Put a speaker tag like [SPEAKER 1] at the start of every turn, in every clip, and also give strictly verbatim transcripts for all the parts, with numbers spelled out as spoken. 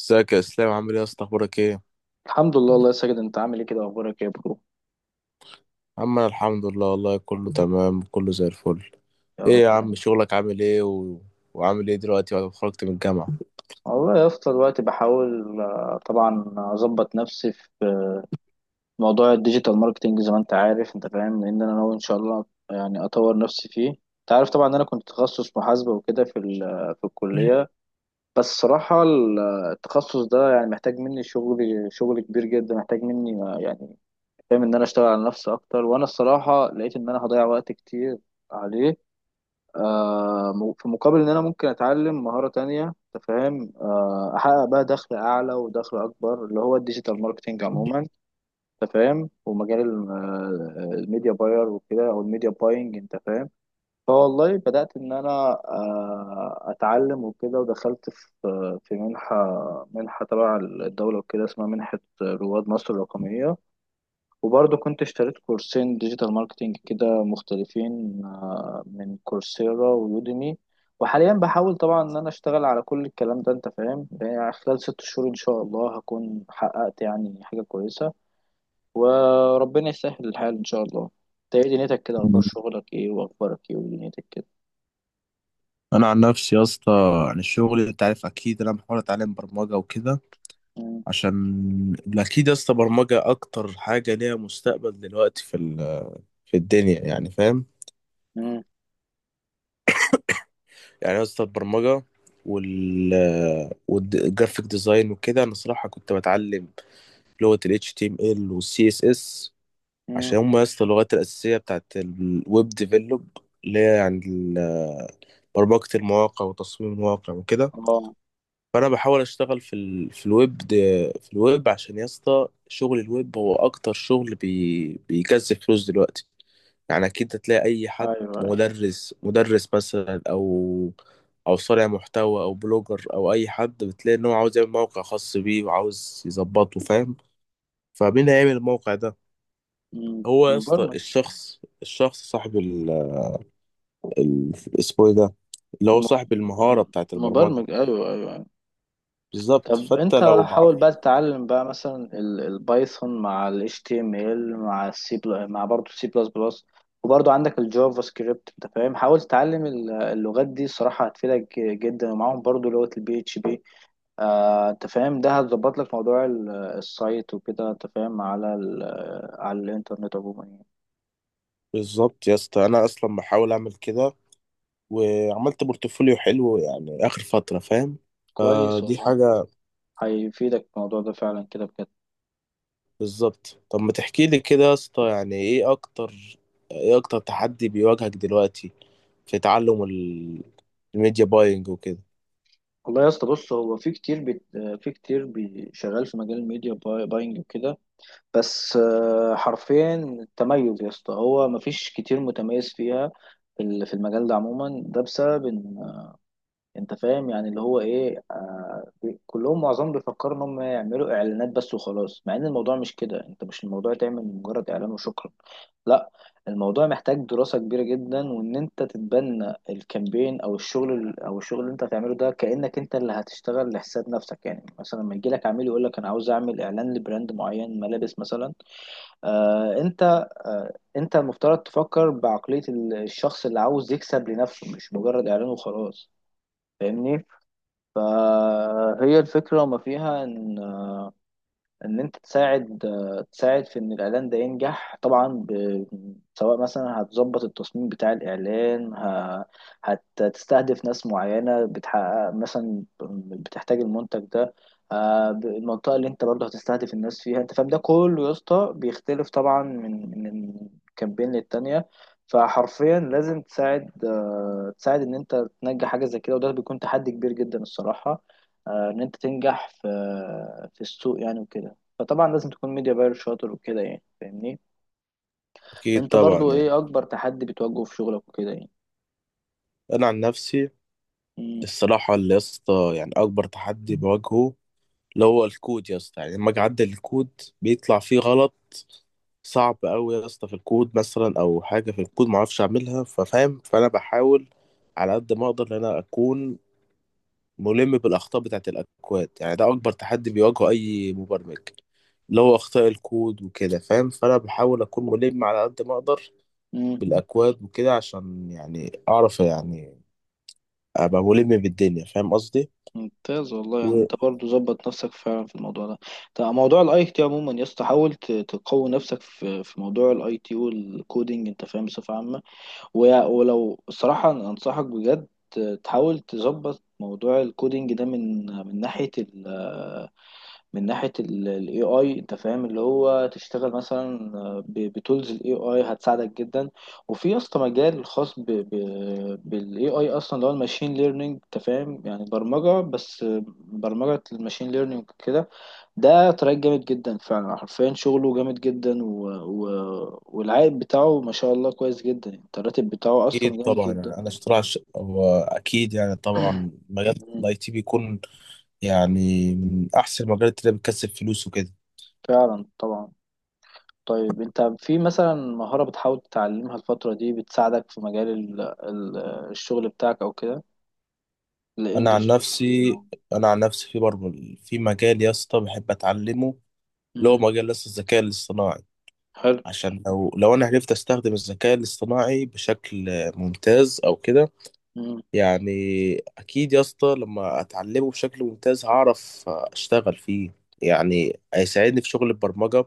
[SPEAKER 1] ازيك يا اسلام؟ عامل ايه يا اسطى؟ اخبارك ايه؟
[SPEAKER 2] الحمد لله الله يا ساجد، انت عامل ايه كده، اخبارك ايه يا برو؟
[SPEAKER 1] عم انا الحمد لله والله كله تمام، كله زي الفل.
[SPEAKER 2] يا رب
[SPEAKER 1] ايه يا عم
[SPEAKER 2] دايما.
[SPEAKER 1] شغلك عامل ايه و... وعامل ايه دلوقتي بعد ما خرجت من الجامعه؟
[SPEAKER 2] والله يا اسطى، دلوقتي بحاول آه، طبعا اظبط نفسي في موضوع الديجيتال ماركتنج زي ما انت عارف، انت فاهم، لان انا ناوي ان شاء الله يعني اطور نفسي فيه. انت عارف طبعا ان انا كنت تخصص محاسبة وكده في ال- آه، في الكلية. بس صراحة ال- آه، التخصص ده يعني محتاج مني شغل، شغل كبير جدا، محتاج مني آه، يعني فاهم ان انا اشتغل على نفسي اكتر، وانا الصراحة لقيت ان انا هضيع وقت كتير عليه. آه، م- في مقابل ان انا ممكن اتعلم مهارة تانية، تفهم، آه، احقق بقى دخل اعلى ودخل اكبر اللي هو الديجيتال ماركتينج عموما، تفهم، ومجال ال- آه، الميديا باير وكده او الميديا باينج، انت فاهم. فوالله بدأت ان انا آه، اتعلم وكده، ودخلت في في منحة، منحة تبع الدولة وكده، اسمها منحة رواد مصر الرقمية. وبرضه كنت اشتريت كورسين ديجيتال ماركتينج كده مختلفين، آه، من كورسيرا ويوديمي. وحاليا بحاول طبعا ان انا اشتغل على كل الكلام ده، انت فاهم، يعني خلال ست شهور ان شاء الله هكون حققت يعني حاجة كويسة، وربنا يسهل الحال ان شاء الله. انت ايه دنيتك كده؟ اخبار شغلك ايه واخبارك ايه ودنيتك كده؟
[SPEAKER 1] انا عن نفسي يا اسطى يعني الشغل انت عارف، اكيد انا بحاول اتعلم برمجه وكده
[SPEAKER 2] مم،
[SPEAKER 1] عشان اكيد يا اسطى برمجه اكتر حاجه ليها مستقبل دلوقتي في ال... في الدنيا يعني، فاهم؟
[SPEAKER 2] مم،
[SPEAKER 1] يعني يا اسطى البرمجه وال والجرافيك ديزاين وكده، انا صراحه كنت بتعلم لغه ال H T M L وال C S S
[SPEAKER 2] مم.
[SPEAKER 1] عشان هم يا اسطى اللغات الأساسية بتاعت الويب ديفلوب، اللي هي يعني ال- برمجة المواقع وتصميم المواقع وكده.
[SPEAKER 2] اه.
[SPEAKER 1] فأنا بحاول أشتغل في ال في الويب دي، في الويب، عشان يا اسطى شغل الويب هو أكتر شغل بي بيكسب فلوس دلوقتي. يعني أكيد هتلاقي أي حد،
[SPEAKER 2] ايوه ايوه.
[SPEAKER 1] مدرس مدرس مثلا، أو أو صانع محتوى أو بلوجر أو أي حد، بتلاقي إن هو عاوز يعمل موقع خاص بيه وعاوز يظبطه، فاهم؟ فمين هيعمل الموقع ده؟
[SPEAKER 2] مم،
[SPEAKER 1] هو يا اسطى
[SPEAKER 2] مبرمج.
[SPEAKER 1] الشخص الشخص صاحب ال ال- اسمه ايه ده، اللي هو
[SPEAKER 2] م-
[SPEAKER 1] صاحب المهارة
[SPEAKER 2] م-
[SPEAKER 1] بتاعت البرمجة.
[SPEAKER 2] مبرمج، ايوه ايوه.
[SPEAKER 1] بالظبط،
[SPEAKER 2] طب
[SPEAKER 1] فانت
[SPEAKER 2] انت
[SPEAKER 1] لو مع.
[SPEAKER 2] حاول بقى تتعلم بقى مثلا ال- البايثون مع ال H T M L مع السي بل... مع برضه سي بلس بلس، وبرضه عندك الجافا سكريبت. انت فاهم، حاول تتعلم ال- اللغات دي، صراحة هتفيدك ج- جدا، ومعاهم برضه لغة البي اتش بي. آه، انت فاهم، ده هتظبط لك موضوع ال- السايت وكده، انت فاهم، على ال- على الانترنت عموما يعني.
[SPEAKER 1] بالظبط يا اسطى انا اصلا بحاول اعمل كده، وعملت بورتفوليو حلو يعني اخر فترة، فاهم؟
[SPEAKER 2] كويس
[SPEAKER 1] فدي
[SPEAKER 2] والله،
[SPEAKER 1] حاجة.
[SPEAKER 2] هيفيدك الموضوع ده فعلا كده بجد.
[SPEAKER 1] بالظبط. طب ما تحكي لي كده يا اسطى، يعني ايه اكتر ايه اكتر تحدي بيواجهك دلوقتي في تعلم ال- الميديا باينج وكده؟
[SPEAKER 2] والله يا اسطى، بص، هو في كتير بي... في كتير بي... شغال في مجال الميديا باي- باينج وكده. بس آه، حرفيا التميز يا اسطى، هو مفيش كتير متميز فيها، في ال- في المجال ده عموما. ده بسبب ان انت فاهم، يعني اللي هو ايه، آه بي- كلهم معظمهم بيفكروا ان هم يعملوا اعلانات بس وخلاص، مع ان الموضوع مش كده. انت مش الموضوع تعمل مجرد اعلان وشكرا، لا. الموضوع محتاج دراسة كبيرة جدا، وان انت تتبنى الكامبين او الشغل ال- او الشغل اللي انت هتعمله ده كأنك انت اللي هتشتغل لحساب نفسك. يعني مثلا لما يجي لك عميل يقول لك انا عاوز اعمل اعلان لبراند معين، ملابس مثلا، آه انت آه انت المفترض تفكر بعقلية ال- الشخص اللي عاوز يكسب لنفسه، مش مجرد اعلان وخلاص. فاهمني؟ فهي الفكرة وما فيها ان ان انت تساعد، تساعد في ان الاعلان ده ينجح طبعا، ب... سواء مثلا هتظبط التصميم بتاع الاعلان، ه... هتستهدف ناس معينه بتحقق مثلا، بتحتاج المنتج ده، آه، ب- المنطقه اللي انت برضه هتستهدف الناس فيها، انت فاهم. ده كله يا اسطى بيختلف طبعا من من كامبين للتانيه. فحرفيا لازم تساعد آه، تساعد ان انت تنجح حاجه زي كده، وده بيكون تحدي كبير جدا الصراحه، آه، ان انت تنجح في في السوق يعني وكده. فطبعا لازم تكون ميديا باير شاطر وكده يعني، فاهمني.
[SPEAKER 1] اكيد
[SPEAKER 2] انت
[SPEAKER 1] طبعا
[SPEAKER 2] برضو
[SPEAKER 1] يعني.
[SPEAKER 2] ايه اكبر تحدي بتواجهه في شغلك وكده يعني؟
[SPEAKER 1] انا عن نفسي
[SPEAKER 2] مم.
[SPEAKER 1] الصراحة اللي يا اسطى يعني أكبر تحدي بواجهه اللي هو الكود يا اسطى، يعني لما اجي اعدل الكود بيطلع فيه غلط صعب قوي يا اسطى في الكود، مثلا او حاجه في الكود ما اعرفش اعملها، ففاهم؟ فانا بحاول على قد ما اقدر ان انا اكون ملم بالاخطاء بتاعه الاكواد، يعني ده اكبر تحدي بيواجهه اي مبرمج، اللي هو اخطاء الكود وكده، فاهم؟ فانا بحاول اكون ملم على قد ما اقدر
[SPEAKER 2] مم.
[SPEAKER 1] بالاكواد وكده عشان يعني اعرف يعني ابقى ملم بالدنيا، فاهم قصدي؟
[SPEAKER 2] ممتاز والله يعني، انت برضو ظبط نفسك فعلا في الموضوع ده. طب موضوع الاي تي عموما يا اسطى، حاول ت- تقوي نفسك في في موضوع الاي تي والكودينج، انت فاهم، بصفه عامه. و- ولو الصراحه أنا انصحك بجد تحاول تظبط موضوع الكودينج ده من من ناحيه، من ناحية ال A I. انت فاهم اللي هو تشتغل مثلا بتولز ال إيه آي هتساعدك جدا. وفي يا اسطى مجال خاص ب- ب- بال A I اصلا، اللي هو الماشين ليرنينج. انت فاهم، يعني برمجة بس، برمجة الماشين ليرنينج كده. ده تراك جامد جدا فعلا، حرفيا شغله جامد جدا، و... و... والعائد بتاعه ما شاء الله كويس جدا، يعني الراتب بتاعه اصلا
[SPEAKER 1] اكيد
[SPEAKER 2] جامد
[SPEAKER 1] طبعا.
[SPEAKER 2] جدا.
[SPEAKER 1] يعني انا اشتراك، هو اكيد يعني طبعا مجال
[SPEAKER 2] مم.
[SPEAKER 1] الاي تي بيكون يعني من احسن المجالات اللي بتكسب فلوس وكده.
[SPEAKER 2] فعلا طبعا. طيب انت في مثلا مهارة بتحاول تتعلمها الفترة دي بتساعدك في مجال ال ال الشغل بتاعك او كده؟
[SPEAKER 1] انا عن
[SPEAKER 2] الانجليش مثلا؟
[SPEAKER 1] نفسي
[SPEAKER 2] او...
[SPEAKER 1] انا عن نفسي في برضه في مجال يا اسطى بحب اتعلمه، اللي هو
[SPEAKER 2] مم.
[SPEAKER 1] مجال لسه الذكاء الاصطناعي،
[SPEAKER 2] حلو.
[SPEAKER 1] عشان لو لو انا عرفت استخدم الذكاء الاصطناعي بشكل ممتاز او كده،
[SPEAKER 2] مم.
[SPEAKER 1] يعني اكيد يا اسطى لما اتعلمه بشكل ممتاز هعرف اشتغل فيه، يعني هيساعدني في شغل البرمجة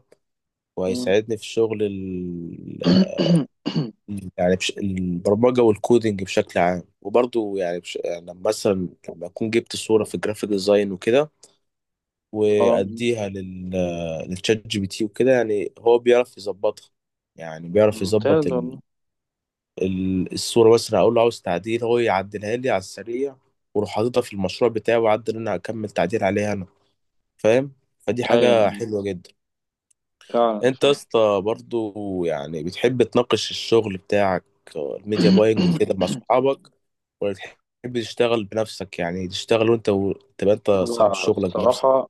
[SPEAKER 2] مم.
[SPEAKER 1] وهيساعدني في شغل ال... يعني بش... البرمجة والكودينج بشكل عام. وبرضو يعني, بش... يعني لما مثلا لما أكون جبت صورة في الجرافيك ديزاين وكده،
[SPEAKER 2] اه.
[SPEAKER 1] وأديها لل... للشات جي بي تي وكده، يعني هو بيعرف يظبطها، يعني بيعرف
[SPEAKER 2] ممتاز
[SPEAKER 1] يظبط ال...
[SPEAKER 2] والله.
[SPEAKER 1] ال... الصورة. مثلا أقول له عاوز تعديل، هو يعدلها لي على السريع، وأروح حاططها في المشروع بتاعي وأعدل، أنا أكمل تعديل عليها أنا، فاهم؟ فدي
[SPEAKER 2] ايوه،
[SPEAKER 1] حاجة حلوة جدا.
[SPEAKER 2] فعلا
[SPEAKER 1] انت يا
[SPEAKER 2] فعلا.
[SPEAKER 1] اسطى برضو يعني بتحب تناقش الشغل بتاعك، آه، الميديا باينج وكده، مع صحابك؟ ولا تحب تشتغل بنفسك، يعني تشتغل وانت و... تبقى انت صاحب
[SPEAKER 2] لا
[SPEAKER 1] شغلك بنفسك؟
[SPEAKER 2] الصراحة،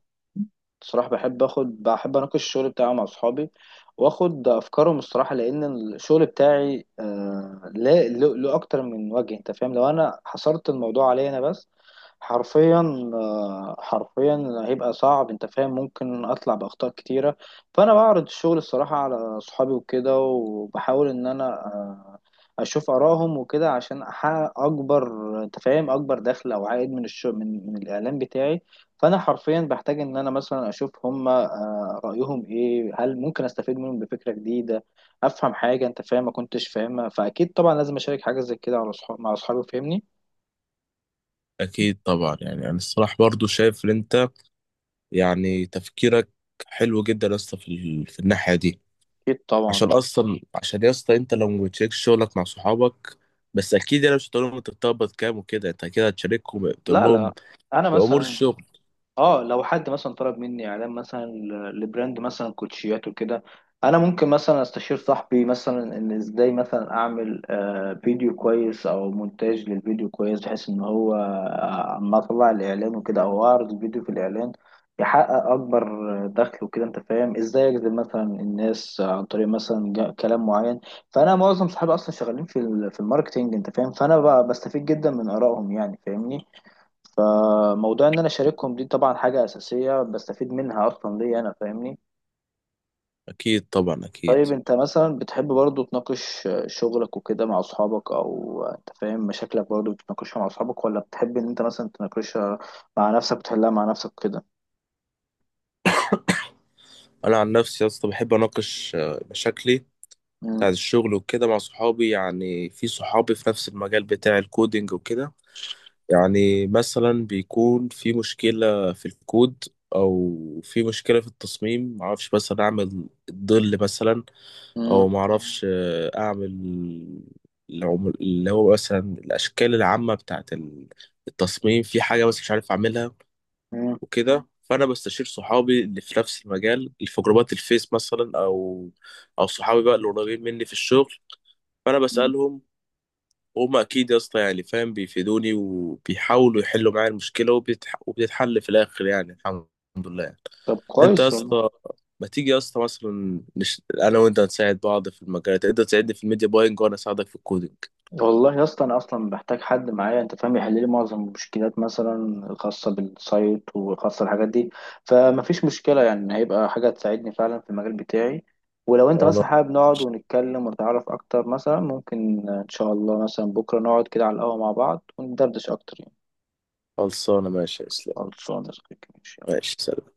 [SPEAKER 2] الصراحة بحب اخد بحب اناقش الشغل بتاعي مع اصحابي، واخد افكارهم الصراحة، لان الشغل بتاعي آه لا له له اكتر من وجه، انت فاهم. لو انا حصرت الموضوع عليا انا بس، حرفيا آه، حرفيا هيبقى صعب، انت فاهم، ممكن اطلع باخطاء كتيره. فانا بعرض الشغل الصراحه على صحابي وكده، وبحاول ان انا آه، اشوف ارائهم وكده عشان احقق اكبر، انت فاهم، اكبر دخل او عائد من الشغل، من, من الاعلان بتاعي. فانا حرفيا بحتاج ان انا مثلا اشوف هم آه، رايهم ايه، هل ممكن استفيد منهم بفكره جديده، افهم حاجه انت فاهم ما كنتش فاهمها. فاكيد طبعا لازم اشارك حاجه زي كده على صحاب مع اصحابي، فاهمني.
[SPEAKER 1] اكيد طبعا. يعني انا الصراحه برضو شايف ان انت يعني تفكيرك حلو جدا يا اسطى في, ال... في الناحيه دي،
[SPEAKER 2] اكيد طبعا
[SPEAKER 1] عشان
[SPEAKER 2] طبعا.
[SPEAKER 1] اصلا، عشان يا اسطى انت لو ما بتشاركش شغلك مع صحابك. بس اكيد انا مش هتقول لهم انت بتقبض كام وكده، انت كده هتشاركهم تقول
[SPEAKER 2] لا
[SPEAKER 1] لهم
[SPEAKER 2] لا، انا
[SPEAKER 1] في امور
[SPEAKER 2] مثلا...
[SPEAKER 1] الشغل.
[SPEAKER 2] اه، لو حد مثلا طلب مني اعلان مثلا ل- لبراند مثلا كوتشيات وكده، انا ممكن مثلا استشير صاحبي مثلا ان ازاي مثلا اعمل آه، فيديو كويس او مونتاج للفيديو كويس، بحيث ان هو آه، اما اطلع الاعلان وكده او اعرض الفيديو في الاعلان، يحقق اكبر دخل وكده. انت فاهم ازاي اجذب مثلا الناس عن طريق مثلا جا- كلام معين. فانا معظم صحابي اصلا شغالين في ال- في الماركتينج، انت فاهم، فانا ب- بستفيد جدا من ارائهم يعني، فاهمني. موضوع ان انا اشاركهم دي طبعا حاجه اساسيه بستفيد منها اصلا ليا انا، فاهمني.
[SPEAKER 1] اكيد طبعا، اكيد.
[SPEAKER 2] طيب انت مثلا بتحب برضو تناقش شغلك وكده مع اصحابك، او انت فاهم مشاكلك برضو بتناقشها مع اصحابك، ولا بتحب ان انت مثلا تناقشها مع نفسك وتحلها مع نفسك كده؟
[SPEAKER 1] انا عن نفسي يا اسطى بحب اناقش آه، مشاكلي
[SPEAKER 2] مم.
[SPEAKER 1] بتاعت الشغل وكده مع صحابي، يعني في صحابي في نفس المجال بتاع الكودينج وكده. يعني مثلا بيكون في مشكلة في الكود، او في مشكلة في التصميم، معرفش مثلا اعمل الظل مثلا، او
[SPEAKER 2] مم.
[SPEAKER 1] معرفش آه، اعمل العم- اللي هو مثلا الاشكال العامة بتاعت التصميم في حاجة، بس مش عارف اعملها
[SPEAKER 2] مم.
[SPEAKER 1] وكده. فانا بستشير صحابي اللي في نفس المجال، اللي في جروبات الفيس مثلا، او او صحابي بقى اللي قريبين مني في الشغل، فانا
[SPEAKER 2] مم.
[SPEAKER 1] بسالهم، وهم اكيد يا اسطى يعني فاهم بيفيدوني وبيحاولوا يحلوا معايا المشكله، وبتح... وبتتحل في الاخر، يعني الحمد لله يعني.
[SPEAKER 2] طب
[SPEAKER 1] انت يا
[SPEAKER 2] كويس والله.
[SPEAKER 1] اسطى، ما تيجي يا اسطى مثلا نش... انا وانت نساعد بعض في المجالات، انت تساعدني في الميديا باينج وانا اساعدك في الكودينج.
[SPEAKER 2] والله يا اسطى، انا اصلا بحتاج حد معايا، انت فاهم، يحل لي معظم المشكلات مثلا الخاصه بالسايت وخاصه الحاجات دي، فمفيش مشكله يعني، هيبقى حاجه تساعدني فعلا في المجال بتاعي. ولو انت مثلا
[SPEAKER 1] خلاص،
[SPEAKER 2] حابب نقعد ونتكلم ونتعرف اكتر مثلا، ممكن ان شاء الله مثلا بكره نقعد كده على القهوه مع بعض وندردش اكتر يعني.
[SPEAKER 1] خلصانه، ماشي يا اسلام.
[SPEAKER 2] خلصانه يا صديقي، ماشي.
[SPEAKER 1] ماشي، سلام.